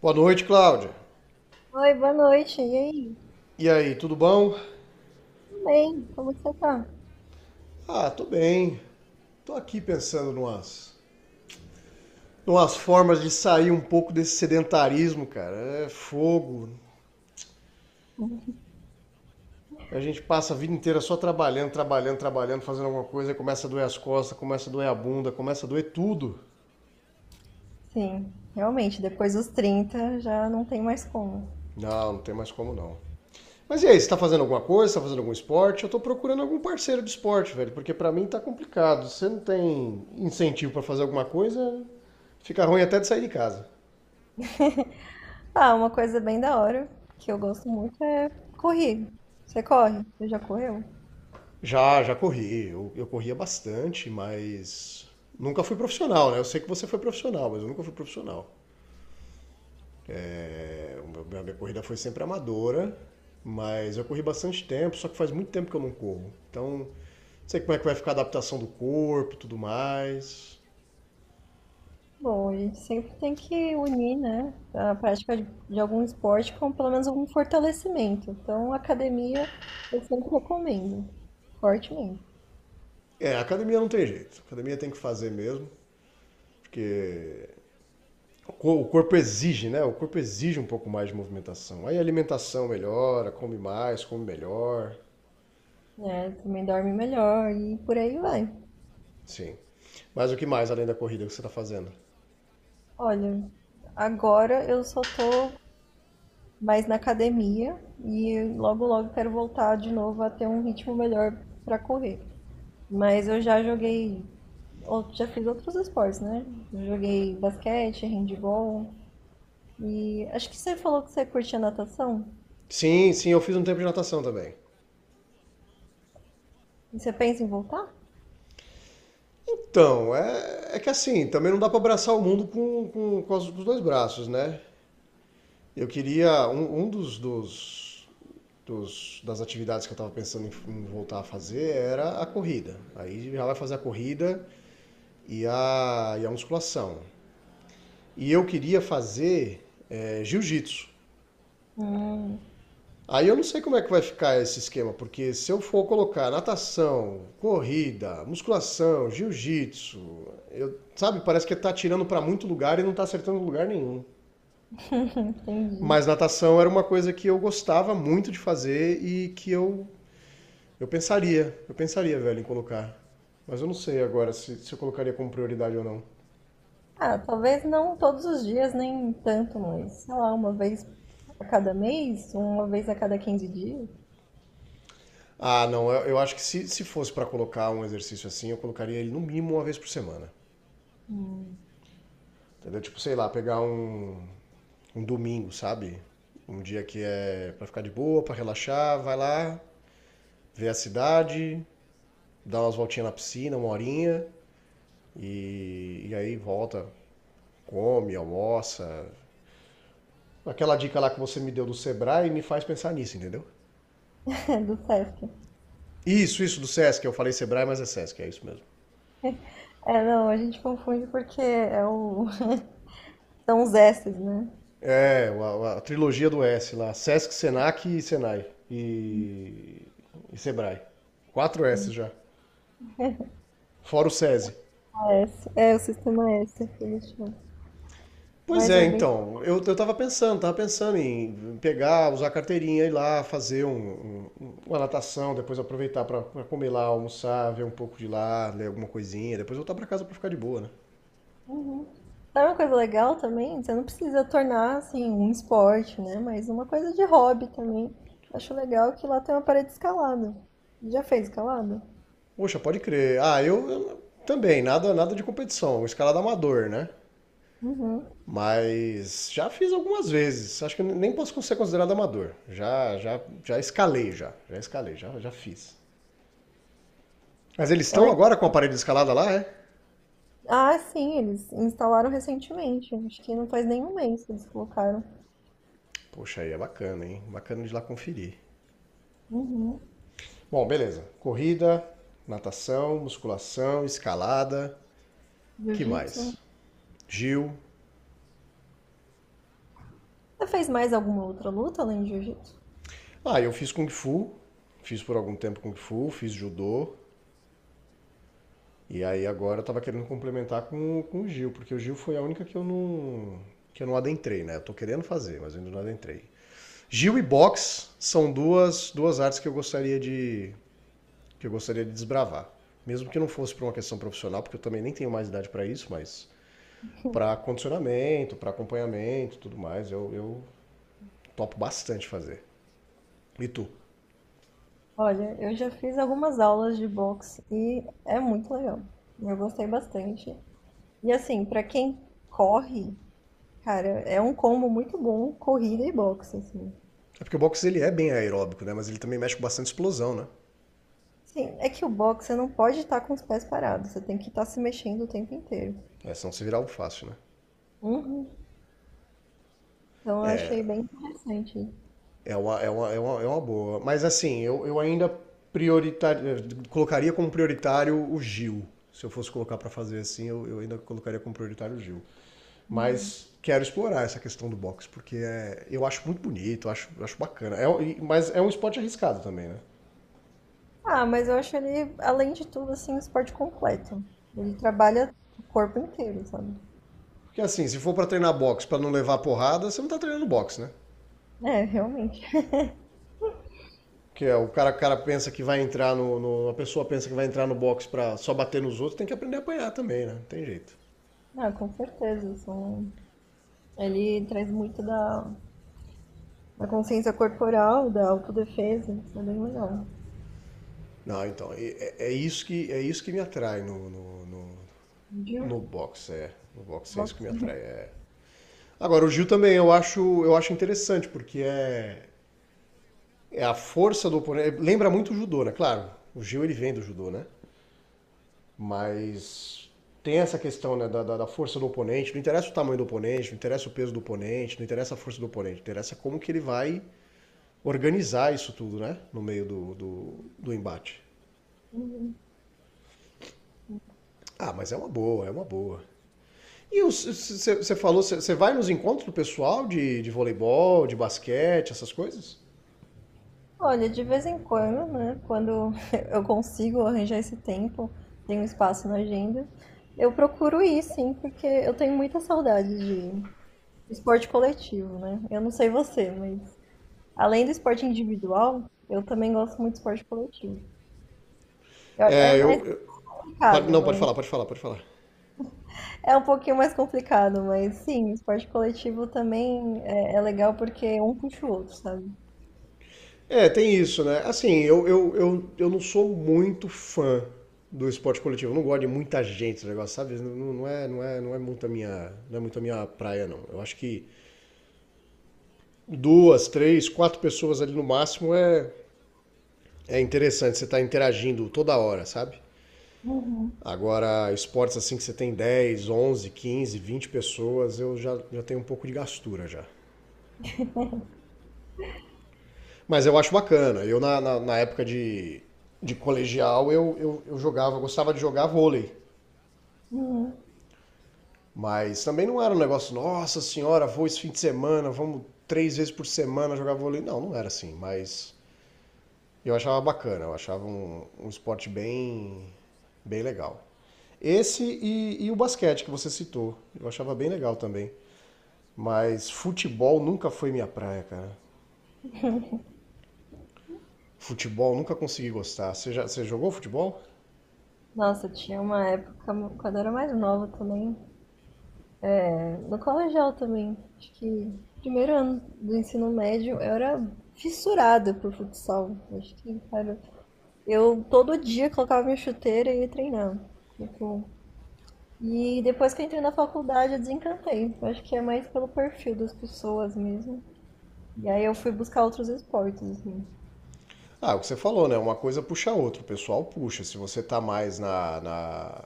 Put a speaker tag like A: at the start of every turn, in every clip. A: Boa noite, Cláudia.
B: Oi, boa noite. E aí?
A: E aí, tudo bom?
B: Tudo bem? Como que você tá?
A: Ah, tô bem. Tô aqui pensando numas formas de sair um pouco desse sedentarismo, cara. É fogo. A gente passa a vida inteira só trabalhando, trabalhando, trabalhando, fazendo alguma coisa, aí começa a doer as costas, começa a doer a bunda, começa a doer tudo.
B: Sim, realmente, depois dos 30 já não tem mais como.
A: Não, não tem mais como não. Mas e aí, você tá fazendo alguma coisa? Você tá fazendo algum esporte? Eu tô procurando algum parceiro de esporte, velho, porque pra mim tá complicado. Você não tem incentivo pra fazer alguma coisa, fica ruim até de sair de casa.
B: Ah, uma coisa bem da hora que eu gosto muito é correr. Você corre? Você já correu?
A: Já, já corri. Eu corria bastante, mas nunca fui profissional, né? Eu sei que você foi profissional, mas eu nunca fui profissional. É, a minha corrida foi sempre amadora, mas eu corri bastante tempo, só que faz muito tempo que eu não corro. Então, não sei como é que vai ficar a adaptação do corpo, tudo mais.
B: Bom, a gente sempre tem que unir, né, a prática de algum esporte com pelo menos algum fortalecimento. Então, academia eu sempre recomendo, fortemente.
A: É, a academia não tem jeito. A academia tem que fazer mesmo, porque o corpo exige, né? O corpo exige um pouco mais de movimentação. Aí a alimentação melhora, come mais, come melhor.
B: Né? Também dorme melhor e por aí vai.
A: Sim. Mas o que mais além da corrida que você está fazendo?
B: Olha, agora eu só tô mais na academia e logo logo quero voltar de novo a ter um ritmo melhor pra correr. Mas eu já joguei, já fiz outros esportes, né? Eu joguei basquete, handball e acho que você falou que você curte a natação.
A: Sim, sim, eu fiz um tempo de natação também.
B: E você pensa em voltar?
A: Então, é que assim, também não dá para abraçar o mundo com os dois braços, né? Eu queria. Um das atividades que eu estava pensando em voltar a fazer era a corrida. Aí já vai fazer a corrida e a musculação. E eu queria fazer jiu-jitsu.
B: Hum.
A: Aí eu não sei como é que vai ficar esse esquema, porque se eu for colocar natação, corrida, musculação, jiu-jitsu, sabe, parece que tá tirando para muito lugar e não tá acertando lugar nenhum.
B: Entendi.
A: Mas natação era uma coisa que eu gostava muito de fazer e que eu pensaria, eu pensaria, velho, em colocar. Mas eu não sei agora se eu colocaria como prioridade ou não.
B: Ah, talvez não todos os dias, nem tanto, mas sei lá, uma vez a cada mês, uma vez a cada 15 dias.
A: Ah, não, eu acho que se fosse para colocar um exercício assim, eu colocaria ele no mínimo uma vez por semana.
B: Hum.
A: Entendeu? Tipo, sei lá, pegar um domingo, sabe? Um dia que é pra ficar de boa, pra relaxar, vai lá, vê a cidade, dá umas voltinhas na piscina, uma horinha, e aí volta, come, almoça. Aquela dica lá que você me deu do Sebrae me faz pensar nisso, entendeu?
B: Do Sesc.
A: Isso do Sesc, eu falei Sebrae, mas é Sesc, é isso mesmo.
B: É, não, a gente confunde porque é o. São os S's, né?
A: É, a trilogia do S lá, Sesc, Senac e Senai. E, e Sebrae. Quatro S já. Fora o SESI.
B: A S. É, o sistema S que eles chamam.
A: Pois
B: Mas
A: é,
B: é bem.
A: então, eu tava pensando em pegar, usar a carteirinha, ir lá fazer uma natação, depois aproveitar pra comer lá, almoçar, ver um pouco de lá, ler alguma coisinha, depois voltar pra casa pra ficar de boa, né?
B: Uhum. Sabe uma coisa legal também? Você não precisa tornar assim um esporte, né? Mas uma coisa de hobby também. Acho legal que lá tem uma parede escalada. Já fez escalada?
A: Poxa, pode crer. Ah, eu também, nada, nada de competição, escalada amador, né?
B: Uhum.
A: Mas já fiz algumas vezes, acho que nem posso ser considerado amador. Já escalei, já escalei, já fiz. Mas eles
B: É
A: estão
B: legal.
A: agora com o aparelho de escalada lá, é?
B: Ah, sim, eles instalaram recentemente. Acho que não faz nenhum mês que eles colocaram.
A: Poxa, aí é bacana, hein? Bacana de ir lá conferir.
B: Uhum.
A: Bom, beleza. Corrida, natação, musculação, escalada, que
B: Jiu-jitsu.
A: mais? Gil.
B: Você fez mais alguma outra luta além de jiu-jitsu?
A: Ah, eu fiz Kung Fu, fiz por algum tempo Kung Fu, fiz judô, e aí agora eu tava querendo complementar com o Gil, porque o Gil foi a única que eu não adentrei, né? Eu tô querendo fazer, mas eu ainda não adentrei. Gil e box são duas artes que eu gostaria de desbravar. Mesmo que não fosse por uma questão profissional, porque eu também nem tenho mais idade para isso, mas para condicionamento, para acompanhamento e tudo mais. Eu topo bastante fazer. E tu?
B: Olha, eu já fiz algumas aulas de boxe e é muito legal. Eu gostei bastante. E assim, pra quem corre, cara, é um combo muito bom, corrida e boxe, assim.
A: É porque o boxe ele é bem aeróbico, né? Mas ele também mexe com bastante explosão, né?
B: Sim, é que o boxe você não pode estar com os pés parados, você tem que estar se mexendo o tempo inteiro.
A: É, senão se virar algo fácil, né?
B: Uhum. Então eu achei bem interessante.
A: É uma boa. Mas assim, eu ainda prioritário, colocaria como prioritário o Gil. Se eu fosse colocar para fazer assim, eu ainda colocaria como prioritário o Gil.
B: Uhum.
A: Mas quero explorar essa questão do boxe, porque eu acho muito bonito, eu acho bacana. É, mas é um esporte arriscado também, né?
B: Ah, mas eu acho ele, além de tudo, assim, um esporte completo. Ele trabalha o corpo inteiro, sabe?
A: Porque assim, se for para treinar boxe para não levar porrada, você não tá treinando boxe, né?
B: É, realmente.
A: Porque o cara pensa que vai entrar A pessoa pensa que vai entrar no boxe para só bater nos outros, tem que aprender a apanhar também, né? Não tem jeito.
B: Ah, com certeza, são. Ele traz muito da, consciência corporal, da autodefesa. Isso é bem legal.
A: Não, então, é isso que me atrai no, no, no,
B: Viu?
A: no boxe, é. No boxe é isso que
B: Box.
A: me atrai. É. Agora, o jiu também eu acho interessante, porque é a força do oponente. Lembra muito o judô, né? Claro, o jiu ele vem do judô, né? Mas tem essa questão né, da força do oponente. Não interessa o tamanho do oponente, não interessa o peso do oponente, não interessa a força do oponente. Interessa como que ele vai organizar isso tudo, né? No meio do embate. Ah, mas é uma boa, é uma boa. E você falou, você vai nos encontros do pessoal de voleibol, de basquete, essas coisas?
B: Olha, de vez em quando, né? Quando eu consigo arranjar esse tempo, tenho espaço na agenda, eu procuro ir, sim, porque eu tenho muita saudade de esporte coletivo, né? Eu não sei você, mas além do esporte individual, eu também gosto muito de esporte coletivo. É
A: É,
B: mais complicado,
A: não, pode
B: mas
A: falar, pode falar, pode falar.
B: é um pouquinho mais complicado, mas sim, esporte coletivo também é, é legal porque um puxa o outro, sabe?
A: É, tem isso, né? Assim, eu não sou muito fã do esporte coletivo. Eu não gosto de muita gente, esse negócio, sabe? Não, não é muito a minha, não é muito a minha praia, não. Eu acho que duas, três, quatro pessoas ali no máximo é interessante. Você tá interagindo toda hora, sabe?
B: Uhum,
A: Agora, esportes assim que você tem 10, 11, 15, 20 pessoas, eu já tenho um pouco de gastura já. Mas eu acho bacana. Na época de colegial, eu jogava, eu gostava de jogar vôlei.
B: uhum.
A: Mas também não era um negócio, nossa senhora, vou esse fim de semana, vamos 3 vezes por semana jogar vôlei. Não, não era assim, mas eu achava bacana, eu achava um esporte bem, bem legal. Esse e o basquete que você citou, eu achava bem legal também. Mas futebol nunca foi minha praia, cara. Futebol nunca consegui gostar. Você jogou futebol?
B: Nossa, tinha uma época, quando eu era mais nova também, é, no colegial também, acho que primeiro ano do ensino médio, eu era fissurada por futsal. Acho que, cara, eu todo dia colocava minha chuteira e ia treinar. Tipo, e depois que eu entrei na faculdade, eu desencantei. Eu acho que é mais pelo perfil das pessoas mesmo. E aí eu fui buscar outros esportes, assim.
A: Ah, é o que você falou, né? Uma coisa puxa a outra. O pessoal puxa. Se você tá mais na, na,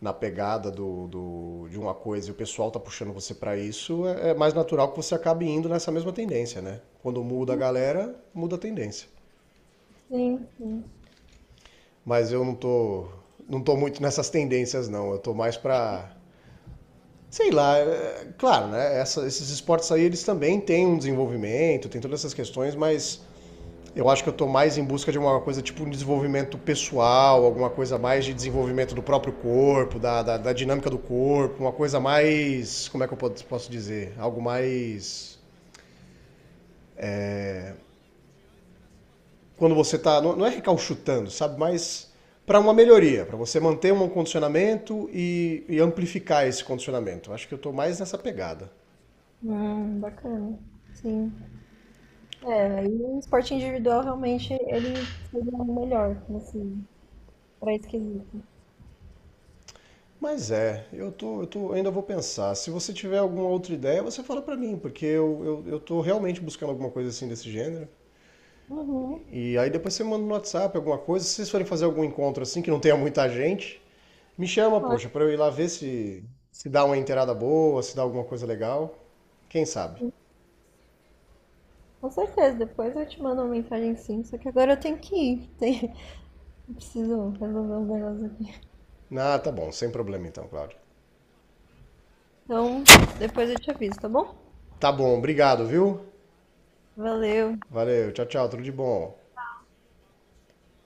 A: na pegada de uma coisa e o pessoal tá puxando você para isso, é mais natural que você acabe indo nessa mesma tendência, né? Quando muda a galera, muda a tendência.
B: Sim, sim.
A: Mas eu não tô muito nessas tendências, não. Eu tô mais pra. Sei lá, é, claro, né? Esses esportes aí, eles também têm um desenvolvimento, tem todas essas questões, mas eu acho que eu estou mais em busca de uma coisa tipo um desenvolvimento pessoal, alguma coisa mais de desenvolvimento do próprio corpo, da dinâmica do corpo, uma coisa mais. Como é que eu posso dizer? Algo mais. Quando você está. Não, não é recalchutando, sabe? Mas para uma melhoria, para você manter um condicionamento e amplificar esse condicionamento. Eu acho que eu estou mais nessa pegada.
B: Bacana. Sim. É, aí o esporte individual realmente ele seria o melhor, assim, pra esse quesito.
A: Mas eu tô, ainda vou pensar. Se você tiver alguma outra ideia, você fala para mim, porque eu, estou eu realmente buscando alguma coisa assim desse gênero.
B: Uhum,
A: E aí depois você manda no WhatsApp alguma coisa. Se vocês forem fazer algum encontro assim, que não tenha muita gente, me chama, poxa,
B: claro.
A: pra eu ir lá ver se dá uma inteirada boa, se dá alguma coisa legal. Quem sabe?
B: Com certeza, depois eu te mando uma mensagem sim, só que agora eu tenho que ir. Tem. Eu preciso resolver uns negócios aqui.
A: Ah, tá bom, sem problema então, Cláudio.
B: Então, depois eu te aviso, tá bom?
A: Tá bom, obrigado, viu?
B: Valeu.
A: Valeu, tchau, tchau, tudo de bom.